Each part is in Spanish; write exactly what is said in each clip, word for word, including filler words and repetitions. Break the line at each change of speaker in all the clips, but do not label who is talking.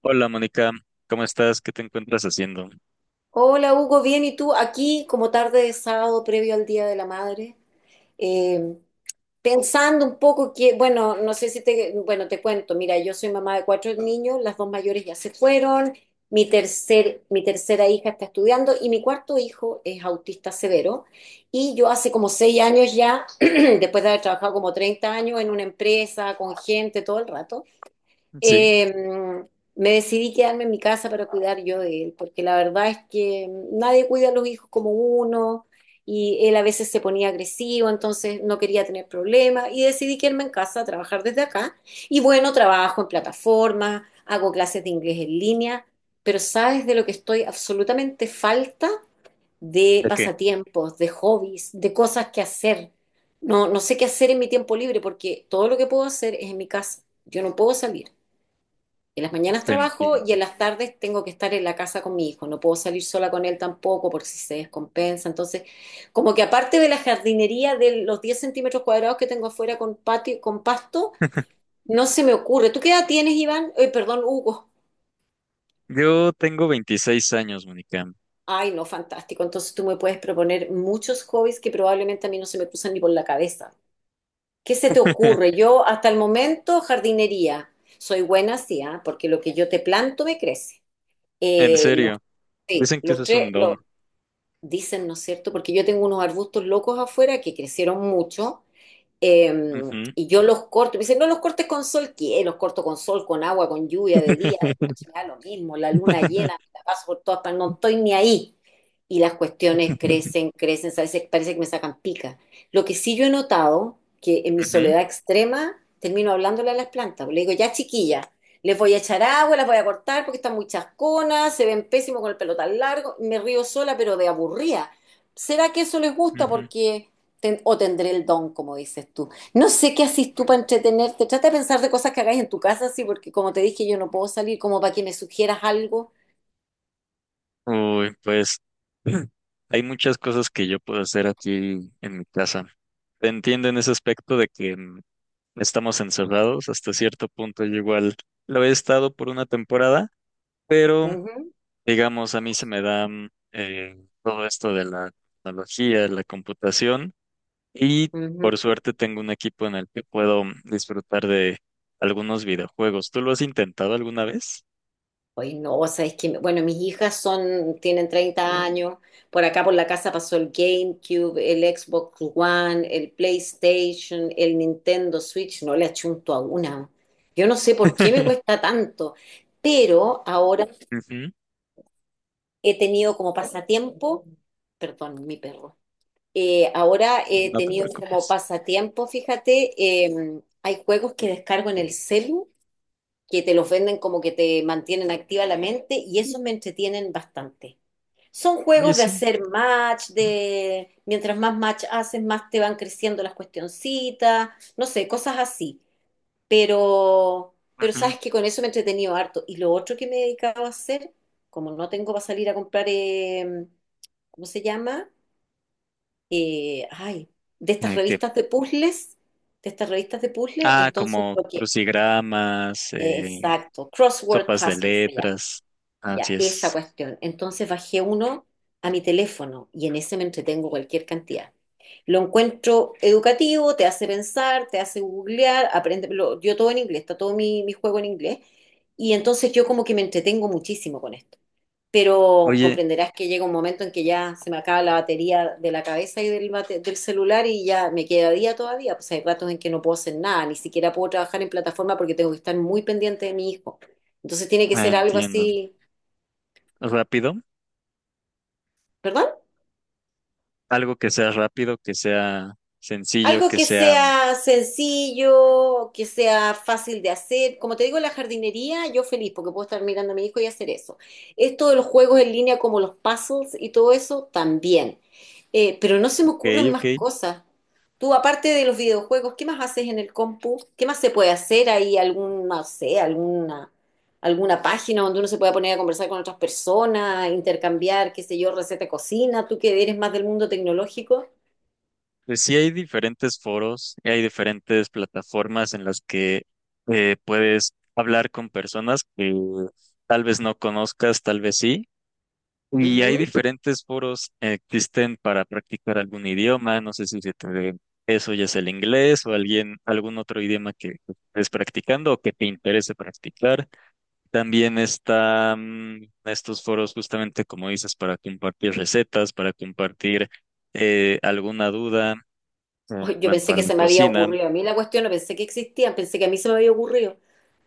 Hola Mónica, ¿cómo estás? ¿Qué te encuentras haciendo?
Hola Hugo, bien, ¿y tú? Aquí como tarde de sábado previo al Día de la Madre, eh, pensando un poco que, bueno, no sé si te, bueno, te cuento, mira, yo soy mamá de cuatro niños, las dos mayores ya se fueron, mi tercer, mi tercera hija está estudiando y mi cuarto hijo es autista severo y yo hace como seis años ya, después de haber trabajado como treinta años en una empresa, con gente todo el rato,
¿Sí?
eh, me decidí quedarme en mi casa para cuidar yo de él, porque la verdad es que nadie cuida a los hijos como uno y él a veces se ponía agresivo, entonces no quería tener problemas y decidí quedarme en casa a trabajar desde acá. Y bueno, trabajo en plataformas, hago clases de inglés en línea, pero ¿sabes de lo que estoy absolutamente falta? De
¿De qué?
pasatiempos, de hobbies, de cosas que hacer. No, no sé qué hacer en mi tiempo libre porque todo lo que puedo hacer es en mi casa. Yo no puedo salir. En las mañanas
Te
trabajo y en
entiendo.
las tardes tengo que estar en la casa con mi hijo. No puedo salir sola con él tampoco por si se descompensa. Entonces, como que aparte de la jardinería de los diez centímetros cuadrados que tengo afuera con patio, con pasto, no se me ocurre. ¿Tú qué edad tienes, Iván? Eh, perdón, Hugo.
Yo tengo veintiséis años, Mónica.
Ay, no, fantástico. Entonces tú me puedes proponer muchos hobbies que probablemente a mí no se me cruzan ni por la cabeza. ¿Qué se te ocurre? Yo hasta el momento jardinería. Soy buena, sí, ¿ah? Porque lo que yo te planto me crece.
En
Eh, los,
serio,
sí,
dicen que eso
los
es
tres,
un don.
dicen, ¿no es cierto? Porque yo tengo unos arbustos locos afuera que crecieron mucho, eh,
Ujú.
y yo los corto, me dicen, no los cortes con sol, ¿qué? Los corto con sol, con agua, con lluvia, de día, de noche, me da lo mismo, la luna llena, me la paso por todas partes, no estoy ni ahí. Y las cuestiones crecen, crecen, a veces parece que me sacan pica. Lo que sí yo he notado, que en mi
Ujú,
soledad extrema, termino hablándole a las plantas, le digo, ya chiquilla, les voy a echar agua, las voy a cortar porque están muy chasconas, se ven pésimos con el pelo tan largo, me río sola, pero de aburrida. ¿Será que eso les gusta?
ujú.
Porque ten- o tendré el don, como dices tú. No sé qué haces tú para entretenerte. Trata de pensar de cosas que hagáis en tu casa, sí, porque como te dije, yo no puedo salir, como para que me sugieras algo.
Uy, pues hay muchas cosas que yo puedo hacer aquí en mi casa. Te entiendo en ese aspecto de que mm, estamos encerrados hasta cierto punto. Yo igual lo he estado por una temporada, pero
Ujú,
digamos, a mí se me da mm, eh, todo esto de la tecnología, la computación y por
ujú.
suerte tengo un equipo en el que puedo mm, disfrutar de algunos videojuegos. ¿Tú lo has intentado alguna vez?
Oye, no, o sea, es que, bueno, mis hijas son, tienen treinta años. Por acá por la casa pasó el GameCube, el Xbox One, el PlayStation, el Nintendo Switch. No le achunto a una. Yo no sé por qué me cuesta tanto, pero ahora
Ujú,
he tenido como pasatiempo, perdón, mi perro. Eh, ahora he
no te
tenido como
preocupes.
pasatiempo, fíjate, em, hay juegos que descargo en el celu, que te los venden como que te mantienen activa la mente y esos me entretienen bastante. Son
Oye,
juegos de
sí.
hacer match, de mientras más match haces, más te van creciendo las cuestioncitas, no sé, cosas así. Pero, pero
Ujú.
sabes que con eso me he entretenido harto. Y lo otro que me he dedicado a hacer, como no tengo para salir a comprar, em, ¿cómo se llama? eh, ay, de estas
Eh, ¿qué?
revistas de puzzles, de estas revistas de puzzles,
Ah,
entonces
como
lo que,
crucigramas,
eh,
eh,
exacto, Crossword
sopas de
Puzzle se llama,
letras.
ya,
Así
esa
es.
cuestión. Entonces bajé uno a mi teléfono y en ese me entretengo cualquier cantidad. Lo encuentro educativo, te hace pensar, te hace googlear, aprende, lo- yo todo en inglés, está todo mi, mi juego en inglés, y entonces yo como que me entretengo muchísimo con esto, pero
Oye,
comprenderás que llega un momento en que ya se me acaba la batería de la cabeza y del, bate- del celular y ya me queda día todavía. Pues hay ratos en que no puedo hacer nada, ni siquiera puedo trabajar en plataforma porque tengo que estar muy pendiente de mi hijo. Entonces tiene que
ah,
ser algo
entiendo.
así.
¿Rápido?
¿Perdón?
Algo que sea rápido, que sea sencillo,
Algo
que
que
sea mm,
sea sencillo, que sea fácil de hacer. Como te digo, la jardinería, yo feliz porque puedo estar mirando a mi hijo y hacer eso. Esto de los juegos en línea como los puzzles y todo eso, también. Eh, pero no se me
ok,
ocurren más
ok.
cosas. Tú, aparte de los videojuegos, ¿qué más haces en el compu? ¿Qué más se puede hacer ahí? algún, no sé, alguna, alguna página donde uno se pueda poner a conversar con otras personas, intercambiar, qué sé yo, receta de cocina. Tú que eres más del mundo tecnológico.
Pues sí hay diferentes foros y hay diferentes plataformas en las que eh, puedes hablar con personas que tal vez no conozcas, tal vez sí. Y hay diferentes foros eh, existen para practicar algún idioma. No sé si se te- eso ya es el inglés o alguien, algún otro idioma que estés practicando o que te interese practicar. También están estos foros justamente como dices para compartir recetas, para compartir eh, alguna duda en
Ay, yo
cuanto
pensé
a
que
la
se me había
cocina,
ocurrido a mí la cuestión, no pensé que existían, pensé que a mí se me había ocurrido.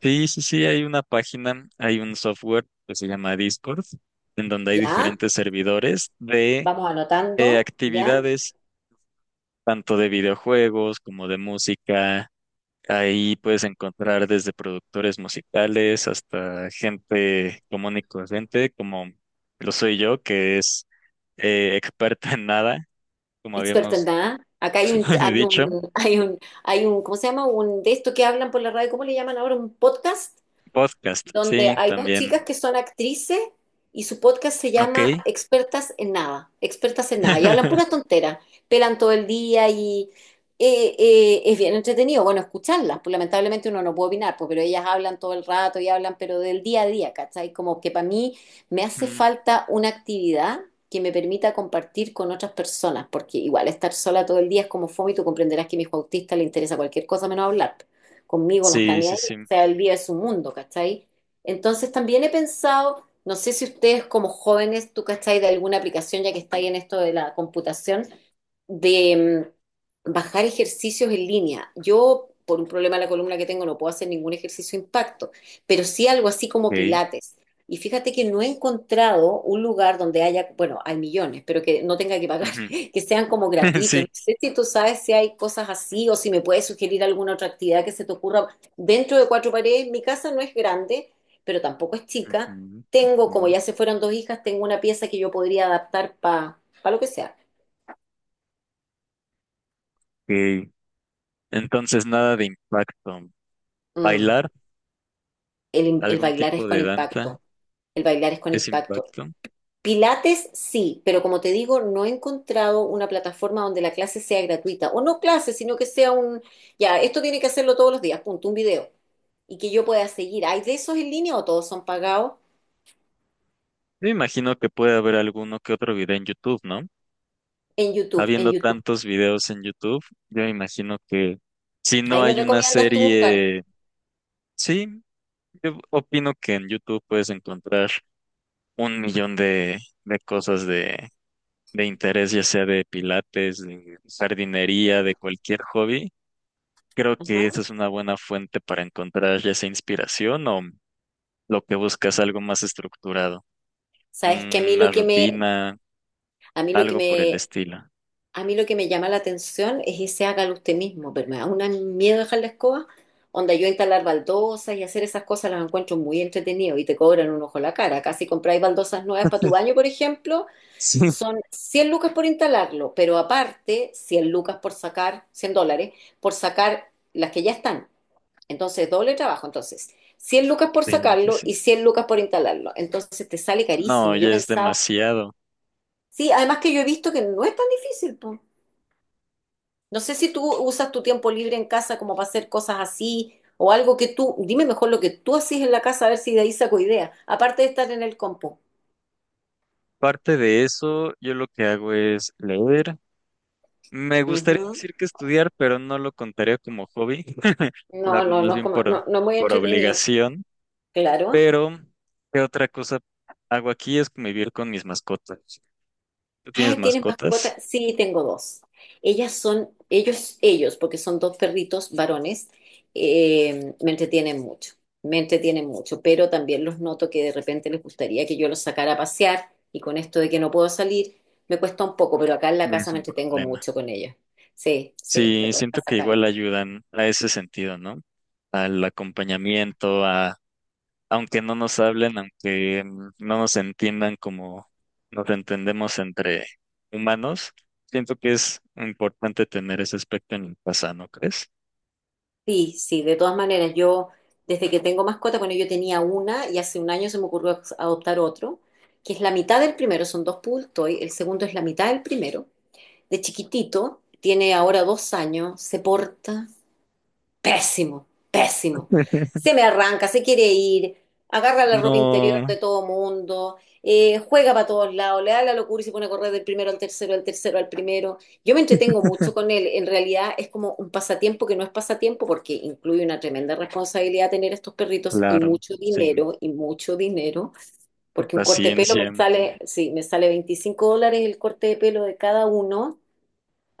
sí, sí, sí, hay una página, hay un software que se llama Discord, en donde hay
Ya,
diferentes servidores de
vamos
eh,
anotando, ya,
actividades, tanto de videojuegos como de música. Ahí puedes encontrar desde productores musicales hasta gente común y corriente, como lo soy yo, que es eh, experta en nada, como
experto en
habíamos
nada. Acá hay un, hay
dicho.
un, hay un, hay un, ¿cómo se llama? Un de esto que hablan por la radio, ¿cómo le llaman ahora? ¿Un podcast?
Podcast,
Donde
sí,
hay dos chicas
también.
que son actrices y su podcast se
Ok.
llama Expertas en Nada, Expertas en Nada, y hablan puras tonteras, pelan todo el día y eh, eh, es bien entretenido, bueno, escucharlas, pues lamentablemente uno no puede opinar, pues, pero ellas hablan todo el rato y hablan, pero del día a día, ¿cachai? Como que para mí me hace
Ujú.
falta una actividad que me permita compartir con otras personas, porque igual estar sola todo el día es como fome y tú comprenderás que a mi hijo autista le interesa cualquier cosa menos hablar. Conmigo no está
Sí,
ni ahí,
sí, sí.
o sea, él vive su mundo, ¿cachai? Entonces también he pensado, no sé si ustedes como jóvenes, tú cachai de alguna aplicación ya que estáis en esto de la computación, de mm, bajar ejercicios en línea. Yo, por un problema de la columna que tengo, no puedo hacer ningún ejercicio de impacto, pero sí algo así como
Ok.
pilates. Y fíjate que no he encontrado un lugar donde haya, bueno, hay millones, pero que no tenga que pagar,
Ujú.
que sean como gratuitos. No
Sí.
sé si tú sabes si hay cosas así o si me puedes sugerir alguna otra actividad que se te ocurra dentro de cuatro paredes. Mi casa no es grande, pero tampoco es chica.
Ujú,
Tengo, como
ujú.
ya se fueron dos hijas, tengo una pieza que yo podría adaptar para lo que sea.
Ok. Entonces, nada de impacto.
Mm.
Bailar,
El, el
algún
bailar es
tipo
con
de danza
impacto, el bailar es con
es
impacto.
impacto.
Pilates sí, pero como te digo, no he encontrado una plataforma donde la clase sea gratuita, o no clase, sino que sea un, ya, esto tiene que hacerlo todos los días, punto, un video, y que yo pueda seguir. ¿Hay de esos en línea o todos son pagados?
Yo imagino que puede haber alguno que otro video en YouTube, ¿no?
En YouTube, en
Habiendo
YouTube.
tantos videos en YouTube, yo imagino que si no
Ahí me
hay una
recomiendas tú buscar.
serie, sí, yo opino que en YouTube puedes encontrar un millón de, de cosas de, de interés, ya sea de pilates, de jardinería, de cualquier hobby. Creo que esa
Ajá.
es una buena fuente para encontrar ya esa inspiración o lo que buscas algo más estructurado,
Sabes que a mí
una
lo que me,
rutina,
a mí lo que
algo por el
me
estilo.
A mí lo que me llama la atención es ese hágalo usted mismo, pero me da un miedo dejar la escoba. Onda, yo instalar baldosas y hacer esas cosas las encuentro muy entretenido y te cobran un ojo la cara. Casi compráis baldosas nuevas para tu baño, por ejemplo,
Sí.
son cien lucas por instalarlo, pero aparte cien lucas por sacar, cien dólares, por sacar las que ya están. Entonces, doble trabajo. Entonces, cien lucas por
Sí, sí,
sacarlo
sí.
y cien lucas por instalarlo. Entonces, te sale
No,
carísimo. Yo
ya
he
es
pensado,
demasiado.
sí, además que yo he visto que no es tan difícil, po. No sé si tú usas tu tiempo libre en casa como para hacer cosas así o algo que tú, dime mejor lo que tú haces en la casa a ver si de ahí saco idea, aparte de estar en el compu.
Parte de eso, yo lo que hago es leer. Me gustaría
Ujú.
decir que estudiar, pero no lo contaría como hobby. Lo
No,
hago
no,
más
no es
bien
como,
por,
no, no es muy
por
entretenido,
obligación.
claro.
Pero, ¿qué otra cosa hago aquí? Es convivir con mis mascotas. ¿Tú tienes
Ay, ¿tienes mascota?
mascotas?
Sí, tengo dos. Ellas son, ellos, ellos, porque son dos perritos varones, eh, me entretienen mucho, me entretienen mucho, pero también los noto que de repente les gustaría que yo los sacara a pasear y con esto de que no puedo salir, me cuesta un poco, pero acá en la
No
casa
es
me
un
entretengo
problema.
mucho con ellos. Sí, sí, me
Sí,
cuesta
siento que igual
sacarlos.
ayudan a ese sentido, ¿no? Al acompañamiento, a, aunque no nos hablen, aunque mm, no nos entiendan como nos entendemos entre humanos, siento que es importante tener ese aspecto en casa, ¿no crees?
Sí, sí, de todas maneras, yo desde que tengo mascota, bueno, yo tenía una y hace un año se me ocurrió adoptar otro, que es la mitad del primero, son dos poodle toy, el segundo es la mitad del primero, de chiquitito, tiene ahora dos años, se porta pésimo, pésimo. Se me arranca, se quiere ir, agarra la ropa interior
No,
de todo mundo, eh, juega para todos lados, le da la locura y se pone a correr del primero al tercero, del tercero al primero. Yo me entretengo mucho con él. En realidad es como un pasatiempo que no es pasatiempo porque incluye una tremenda responsabilidad tener estos perritos y
claro,
mucho
sí.
dinero, y mucho dinero, porque un corte de pelo me
Paciencia,
sale, sí, me sale veinticinco dólares el corte de pelo de cada uno.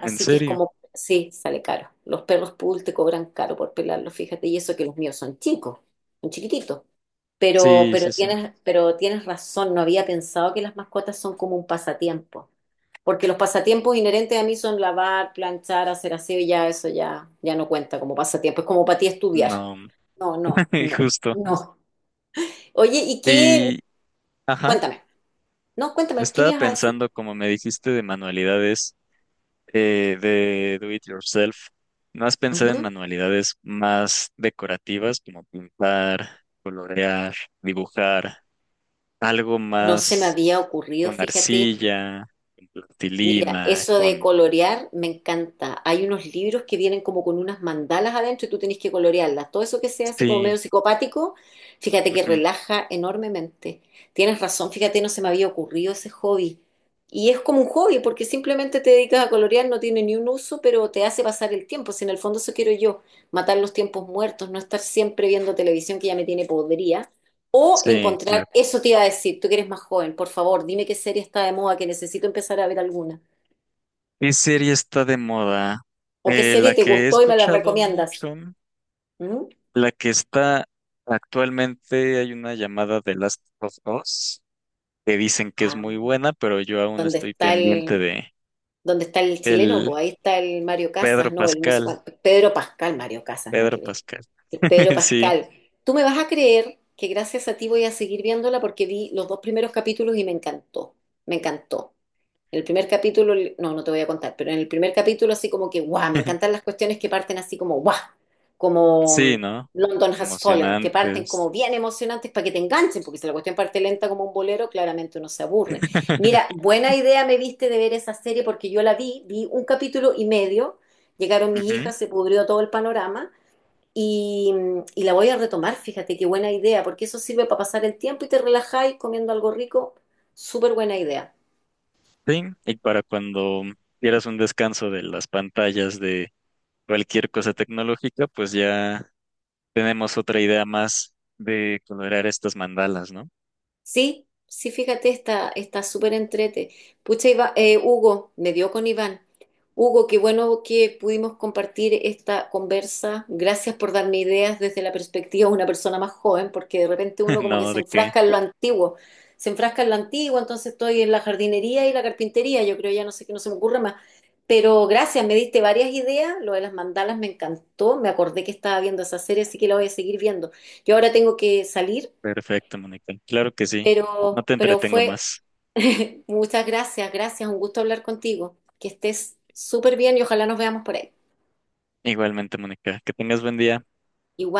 en
que es
serio.
como, sí, sale caro. Los perros poodle te cobran caro por pelarlos, fíjate, y eso que los míos son chicos, son chiquititos. Pero,
Sí,
pero
sí, sí.
tienes, pero tienes razón, no había pensado que las mascotas son como un pasatiempo, porque los pasatiempos inherentes a mí son lavar, planchar, hacer aseo, y ya eso ya, ya no cuenta como pasatiempo, es como para ti estudiar.
No,
No, no, no,
justo.
no. Oye, ¿y qué?
Y, ajá,
Cuéntame, no, cuéntame, ¿qué me
estaba
ibas a decir?
pensando, como me dijiste, de manualidades. Eh, de do it yourself, más pensar en
Ujú.
manualidades más decorativas como pintar, colorear, dibujar, algo
No se me
más
había ocurrido,
con
fíjate.
arcilla, con
Mira,
plastilina,
eso de
con...
colorear me encanta. Hay unos libros que vienen como con unas mandalas adentro y tú tenés que colorearlas. Todo eso que sea así como medio
Sí,
psicopático, fíjate que
ujú,
relaja enormemente. Tienes razón, fíjate, no se me había ocurrido ese hobby. Y es como un hobby porque simplemente te dedicas a colorear, no tiene ni un uso, pero te hace pasar el tiempo. Si en el fondo eso quiero yo, matar los tiempos muertos, no estar siempre viendo televisión que ya me tiene podrida. O
sí,
encontrar,
claro.
eso te iba a decir, tú que eres más joven, por favor, dime qué serie está de moda, que necesito empezar a ver alguna.
¿Qué serie está de moda?
¿O qué
Eh,
serie
la
te
que he
gustó y me la
escuchado
recomiendas?
mucho,
¿Mm?
la que está actualmente, hay una llamada de Last of Us, que dicen que es muy
Ah,
buena, pero yo aún
¿Dónde
estoy
está
pendiente
el,
de...
dónde está el chileno?
el
Pues ahí está el Mario
Pedro
Casas, no, el no sé
Pascal,
cuánto, Pedro Pascal, Mario Casas, nada
Pedro
que ver.
Pascal.
El Pedro
Sí,
Pascal. Tú me vas a creer que gracias a ti voy a seguir viéndola porque vi los dos primeros capítulos y me encantó, me encantó. El primer capítulo, no, no te voy a contar, pero en el primer capítulo así como que, guau, me encantan las cuestiones que parten así como, guau, como mm,
sí, ¿no?
London Has Fallen, que parten
Emocionantes.
como bien emocionantes para que te enganchen, porque si la cuestión parte lenta como un bolero, claramente uno se aburre. Mira, buena idea me viste de ver esa serie porque yo la vi, vi un capítulo y medio, llegaron mis
Ujú,
hijas, se pudrió todo el panorama. Y, mm, y la voy a retomar, fíjate qué buena idea, porque eso sirve para pasar el tiempo y te relajáis comiendo algo rico. Súper buena idea.
sí, y para cuando quieras un descanso de las pantallas de cualquier cosa tecnológica, pues ya tenemos otra idea más de colorear estas mandalas, ¿no?
Sí, sí, fíjate, está, está súper entrete. Pucha, Iva- eh, Hugo, me dio con Iván. Hugo, qué bueno que pudimos compartir esta conversa. Gracias por darme ideas desde la perspectiva de una persona más joven, porque de repente uno como que
No,
se
¿de qué?
enfrasca en lo antiguo. Se enfrasca en lo antiguo, entonces estoy en la jardinería y la carpintería. Yo creo ya no sé qué no se me ocurre más. Pero gracias, me diste varias ideas. Lo de las mandalas me encantó. Me acordé que estaba viendo esa serie, así que la voy a seguir viendo. Yo ahora tengo que salir.
Perfecto, Mónica. Claro que sí. No
Pero,
te
pero
entretengo
fue,
más.
muchas gracias, gracias, un gusto hablar contigo. Que estés súper bien y ojalá nos veamos por ahí.
Igualmente, Mónica. Que tengas buen día.